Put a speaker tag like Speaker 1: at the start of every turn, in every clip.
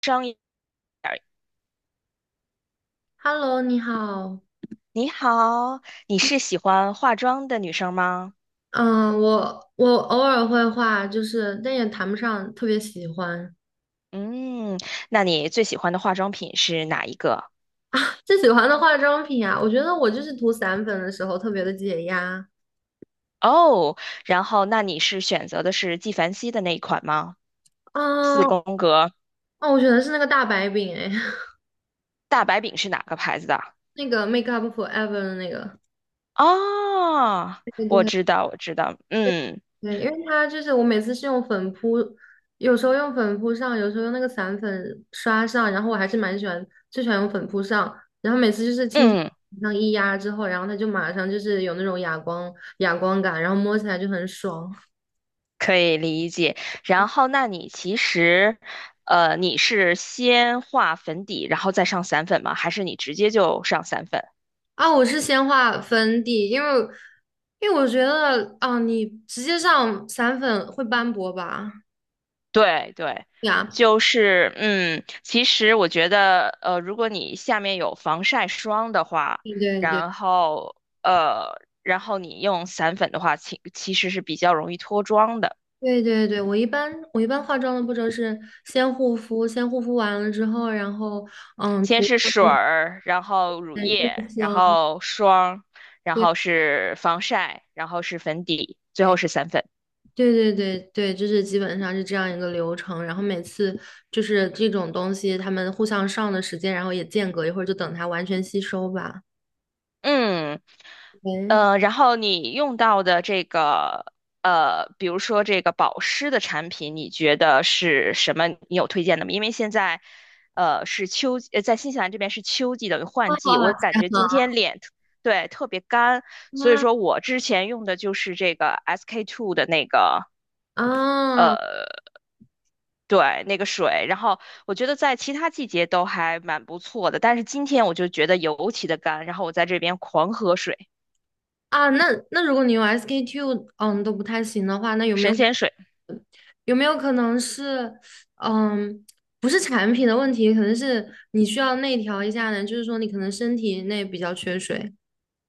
Speaker 1: 妆
Speaker 2: Hello，你好。
Speaker 1: 你好，你是喜欢化妆的女生吗？
Speaker 2: 嗯，我偶尔会画，就是但也谈不上特别喜欢。
Speaker 1: 嗯，那你最喜欢的化妆品是哪一个？
Speaker 2: 最喜欢的化妆品啊，我觉得我就是涂散粉的时候特别的解压。
Speaker 1: 哦，然后那你是选择的是纪梵希的那一款吗？
Speaker 2: 嗯，
Speaker 1: 四宫格
Speaker 2: 哦，我选的是那个大白饼，哎，
Speaker 1: 大白饼是哪个牌子的？
Speaker 2: 那个 Make Up Forever 的那个。
Speaker 1: 哦，
Speaker 2: 对
Speaker 1: 我
Speaker 2: 对，
Speaker 1: 知道，我知道，嗯
Speaker 2: 对，因为它就是我每次是用粉扑，有时候用粉扑上，有时候用那个散粉刷上，然后我还是蛮喜欢，最喜欢用粉扑上，然后每次就是轻轻
Speaker 1: 嗯，
Speaker 2: 上一压之后，然后它就马上就是有那种哑光感，然后摸起来就很爽
Speaker 1: 可以理解。然后，那你其实，你是先画粉底，然后再上散粉吗？还是你直接就上散粉？
Speaker 2: 啊！我是先画粉底，因为我觉得啊，你直接上散粉会斑驳吧？
Speaker 1: 对对，
Speaker 2: 呀，
Speaker 1: 就是其实我觉得，如果你下面有防晒霜的话，
Speaker 2: 对对对。
Speaker 1: 然后然后你用散粉的话，其实是比较容易脱妆的。
Speaker 2: 对对对，我一般化妆的步骤是先护肤完了之后，然后
Speaker 1: 先
Speaker 2: 涂
Speaker 1: 是
Speaker 2: 上
Speaker 1: 水
Speaker 2: 后
Speaker 1: 儿，然后乳
Speaker 2: 面的日
Speaker 1: 液，然
Speaker 2: 霜，
Speaker 1: 后霜，然后
Speaker 2: 对
Speaker 1: 是防晒，然后是粉底，最后是散粉。
Speaker 2: 对对对对，就是基本上是这样一个流程。然后每次就是这种东西，他们互相上的时间，然后也间隔一会儿，就等它完全吸收吧。
Speaker 1: 嗯，
Speaker 2: 喂，
Speaker 1: 然后你用到的这个，比如说这个保湿的产品，你觉得是什么？你有推荐的吗？因为现在，是秋季，在新西兰这边是秋季，等于
Speaker 2: 哇，
Speaker 1: 换季。
Speaker 2: 好好
Speaker 1: 我感
Speaker 2: 吃
Speaker 1: 觉今天脸对，特别干，所以
Speaker 2: 啊！
Speaker 1: 说我之前用的就是这个 SK two 的那个，
Speaker 2: 啊
Speaker 1: 呃，对，那个水。然后我觉得在其他季节都还蛮不错的，但是今天我就觉得尤其的干，然后我在这边狂喝水，
Speaker 2: 啊，那如果你用 SK-II 都不太行的话，那有没
Speaker 1: 神
Speaker 2: 有？
Speaker 1: 仙水。
Speaker 2: 有没有可能是，嗯，不是产品的问题，可能是你需要内调一下呢？就是说你可能身体内比较缺水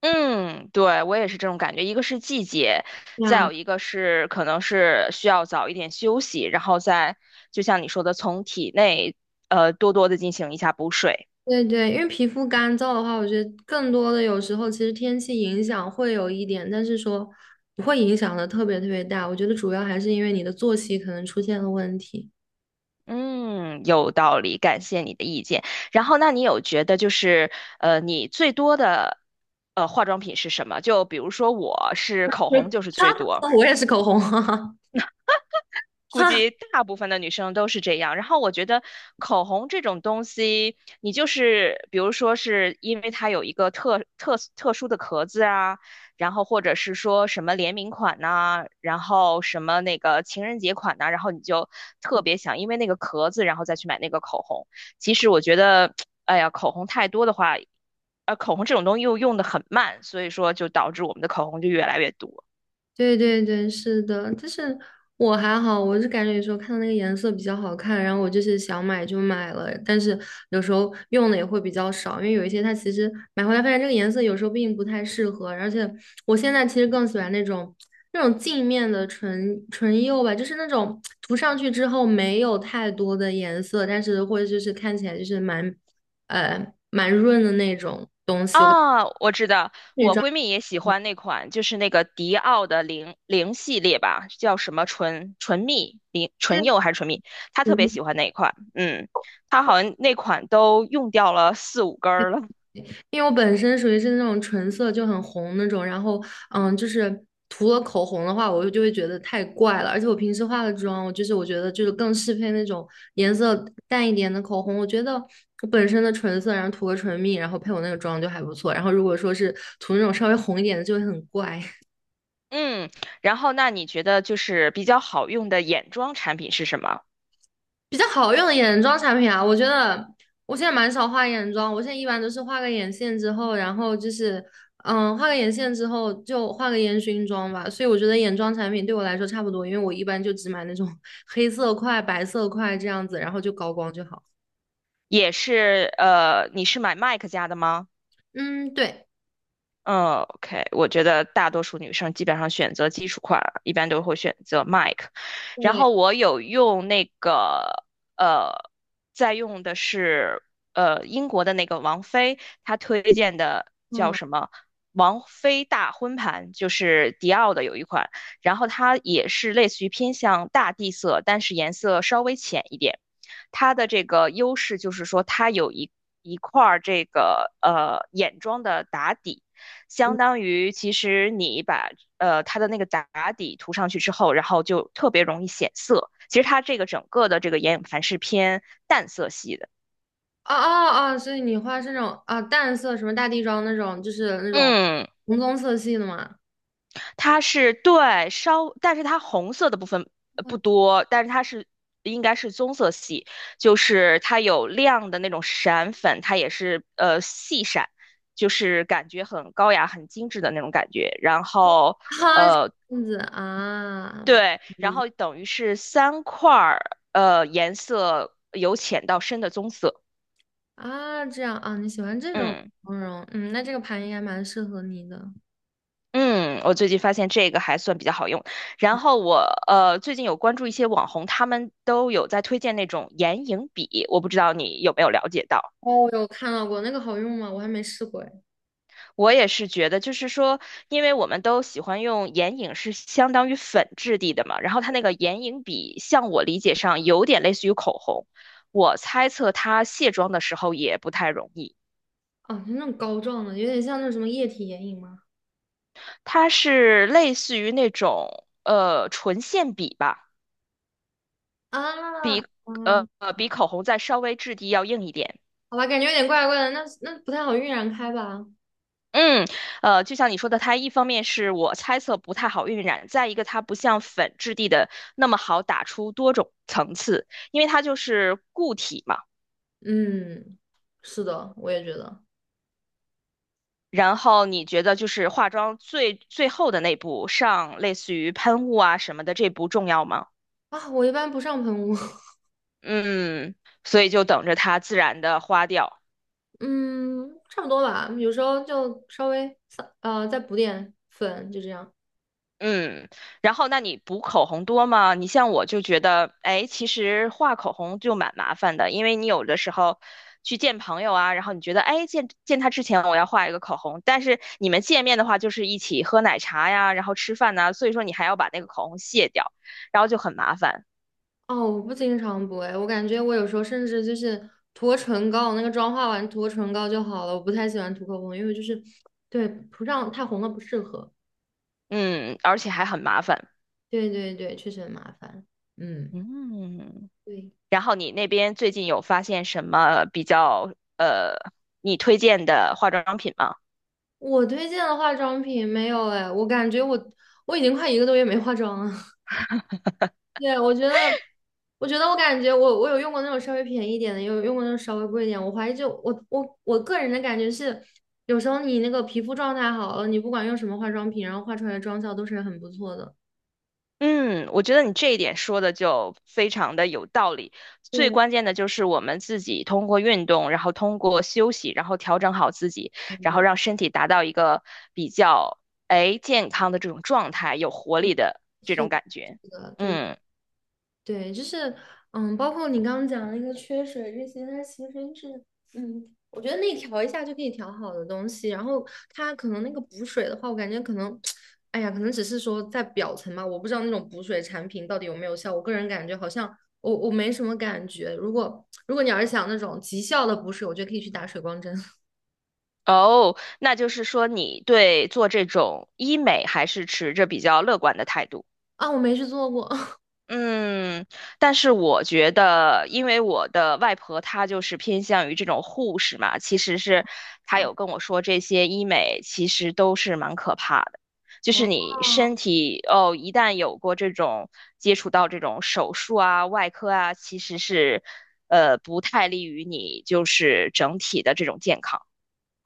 Speaker 1: 嗯，对，我也是这种感觉。一个是季节，再有
Speaker 2: 呀。
Speaker 1: 一个是可能是需要早一点休息，然后再就像你说的，从体内多多的进行一下补水。
Speaker 2: 对对，因为皮肤干燥的话，我觉得更多的有时候其实天气影响会有一点，但是说不会影响的特别特别大。我觉得主要还是因为你的作息可能出现了问题。
Speaker 1: 嗯，有道理，感谢你的意见。然后，那你有觉得就是你最多的化妆品是什么？就比如说我是口红就是 最多。
Speaker 2: 哈，我也是口红，哈哈，
Speaker 1: 估计大部分的女生都是这样。然后我觉得口红这种东西，你就是比如说是因为它有一个特殊的壳子啊，然后或者是说什么联名款呐、然后什么那个情人节款呐、然后你就特别想因为那个壳子，然后再去买那个口红。其实我觉得，哎呀，口红太多的话，口红这种东西又用的很慢，所以说就导致我们的口红就越来越多。
Speaker 2: 对对对，是的，但是我还好，我是感觉有时候看到那个颜色比较好看，然后我就是想买就买了，但是有时候用的也会比较少，因为有一些它其实买回来发现这个颜色有时候并不太适合，而且我现在其实更喜欢那种镜面的唇釉吧，就是那种涂上去之后没有太多的颜色，但是或者就是看起来就是蛮润的那种。
Speaker 1: 啊，我知道，我闺蜜也喜欢那款，就是那个迪奥的零零系列吧，叫什么唇蜜零唇釉还是唇蜜，她特别喜欢那一款，嗯，她好像那款都用掉了四五根儿了，
Speaker 2: 因为我本身属于是那种唇色就很红那种，然后就是涂了口红的话，我就会觉得太怪了。而且我平时化的妆，我觉得就是更适配那种颜色淡一点的口红。我觉得我本身的唇色，然后涂个唇蜜，然后配我那个妆就还不错。然后如果说是涂那种稍微红一点的，就会很怪。
Speaker 1: 嗯，然后那你觉得就是比较好用的眼妆产品是什么？
Speaker 2: 比较好用的眼妆产品啊，我觉得我现在蛮少画眼妆，我现在一般都是画个眼线之后就画个烟熏妆吧。所以我觉得眼妆产品对我来说差不多，因为我一般就只买那种 黑色块、白色块这样子，然后就高光就好。
Speaker 1: 也是，你是买 MAC 家的吗？
Speaker 2: 嗯，对
Speaker 1: 嗯 OK 我觉得大多数女生基本上选择基础款，一般都会选择 Mike。然
Speaker 2: 对，
Speaker 1: 后我有用那个，呃，在用的是英国的那个王菲，她推荐的
Speaker 2: 嗯，
Speaker 1: 叫
Speaker 2: 哦
Speaker 1: 什么？王菲大婚盘，就是迪奥的有一款，然后它也是类似于偏向大地色，但是颜色稍微浅一点。它的这个优势就是说，它有一块儿这个眼妆的打底。相当于其实你把它的那个打底涂上去之后，然后就特别容易显色。其实它这个整个的这个眼影盘是偏淡色系的，
Speaker 2: 哦哦，所以你画是那种啊淡色什么大地妆那种，就是那种
Speaker 1: 嗯，
Speaker 2: 红棕色系的嘛？
Speaker 1: 它是对稍，但是它红色的部分不
Speaker 2: 我
Speaker 1: 多，但是它应该是棕色系，就是它有亮的那种闪粉，它也是细闪。就是感觉很高雅、很精致的那种感觉，然后呃，
Speaker 2: 这样子啊。
Speaker 1: 对，然后等于是三块儿，颜色由浅到深的棕色。
Speaker 2: 啊，这样啊，你喜欢这种
Speaker 1: 嗯
Speaker 2: 妆容，嗯，那这个盘应该蛮适合你的。
Speaker 1: 嗯，我最近发现这个还算比较好用。然后我最近有关注一些网红，他们都有在推荐那种眼影笔，我不知道你有没有了解到。
Speaker 2: 哦，我有看到过，那个好用吗？我还没试过哎。
Speaker 1: 我也是觉得，就是说，因为我们都喜欢用眼影，是相当于粉质地的嘛。然后它那个眼影笔，像我理解上有点类似于口红，我猜测它卸妆的时候也不太容易。
Speaker 2: 哦，就那种膏状的，有点像那种什么液体眼影吗？
Speaker 1: 它是类似于那种唇线笔吧，
Speaker 2: 啊啊，
Speaker 1: 比口红再稍微质地要硬一点。
Speaker 2: 好吧，感觉有点怪怪的，那不太好晕染开吧？
Speaker 1: 嗯，就像你说的，它一方面是我猜测不太好晕染，再一个它不像粉质地的那么好打出多种层次，因为它就是固体嘛。
Speaker 2: 嗯，是的，我也觉得
Speaker 1: 然后你觉得就是化妆最后的那步上类似于喷雾啊什么的这步重要吗？
Speaker 2: 啊，我一般不上喷雾，
Speaker 1: 嗯，所以就等着它自然的花掉。
Speaker 2: 嗯，差不多吧，有时候就稍微再补点粉，就这样。
Speaker 1: 嗯，然后那你补口红多吗？你像我就觉得，哎，其实画口红就蛮麻烦的，因为你有的时候去见朋友啊，然后你觉得，哎，见见他之前我要画一个口红，但是你们见面的话就是一起喝奶茶呀，然后吃饭呐，所以说你还要把那个口红卸掉，然后就很麻烦，
Speaker 2: 哦，我不经常补哎，我感觉我有时候甚至就是涂唇膏，那个妆化完涂个唇膏就好了。我不太喜欢涂口红，因为就是对涂上太红了不适合。
Speaker 1: 嗯，而且还很麻烦，
Speaker 2: 对对对，确实很麻烦。嗯，
Speaker 1: 嗯。
Speaker 2: 对，
Speaker 1: 然后你那边最近有发现什么比较你推荐的化妆品吗？
Speaker 2: 我推荐的化妆品没有哎，我感觉我已经快一个多月没化妆了。对，我觉得，我感觉我有用过那种稍微便宜一点的，也有用过那种稍微贵一点。我怀疑就我个人的感觉是，有时候你那个皮肤状态好了，你不管用什么化妆品，然后画出来的妆效都是很不错的。
Speaker 1: 嗯，我觉得你这一点说的就非常的有道理。最
Speaker 2: 对，
Speaker 1: 关键的就是我们自己通过运动，然后通过休息，然后调整好自己，
Speaker 2: 对，
Speaker 1: 然后
Speaker 2: 对
Speaker 1: 让身体达到一个比较健康的这种状态，有活力的这
Speaker 2: 是
Speaker 1: 种
Speaker 2: 的，
Speaker 1: 感觉。
Speaker 2: 是的，对。
Speaker 1: 嗯，
Speaker 2: 对，就是，包括你刚刚讲的那个缺水这些，它其实是，我觉得内调一下就可以调好的东西。然后它可能那个补水的话，我感觉可能，哎呀，可能只是说在表层吧，我不知道那种补水产品到底有没有效。我个人感觉好像我没什么感觉。如果你要是想那种极效的补水，我觉得可以去打水光针
Speaker 1: 哦，那就是说你对做这种医美还是持着比较乐观的态度。
Speaker 2: 啊，我没去做过
Speaker 1: 嗯，但是我觉得，因为我的外婆她就是偏向于这种护士嘛，其实是她
Speaker 2: 啊
Speaker 1: 有跟我说，这些医美其实都是蛮可怕的，就是你身体哦，一旦有过这种接触到这种手术啊、外科啊，其实是不太利于你就是整体的这种健康。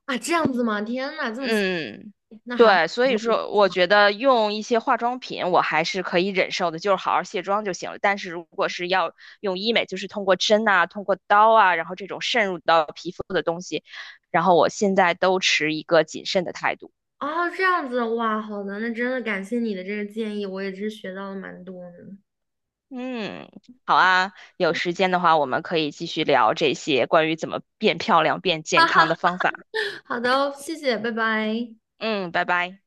Speaker 2: 啊，这样子吗？天呐，这么细，
Speaker 1: 嗯，
Speaker 2: 那还好。
Speaker 1: 对，所以说我觉得用一些化妆品我还是可以忍受的，就是好好卸妆就行了。但是如果是要用医美，就是通过针啊、通过刀啊，然后这种渗入到皮肤的东西，然后我现在都持一个谨慎的态度。
Speaker 2: 哦，这样子，哇，好的，那真的感谢你的这个建议，我也是学到了蛮多呢。
Speaker 1: 嗯，好啊，有时间的话我们可以继续聊这些关于怎么变漂亮、变健康的方法。
Speaker 2: 好的哦，谢谢，拜拜。
Speaker 1: 嗯，拜拜。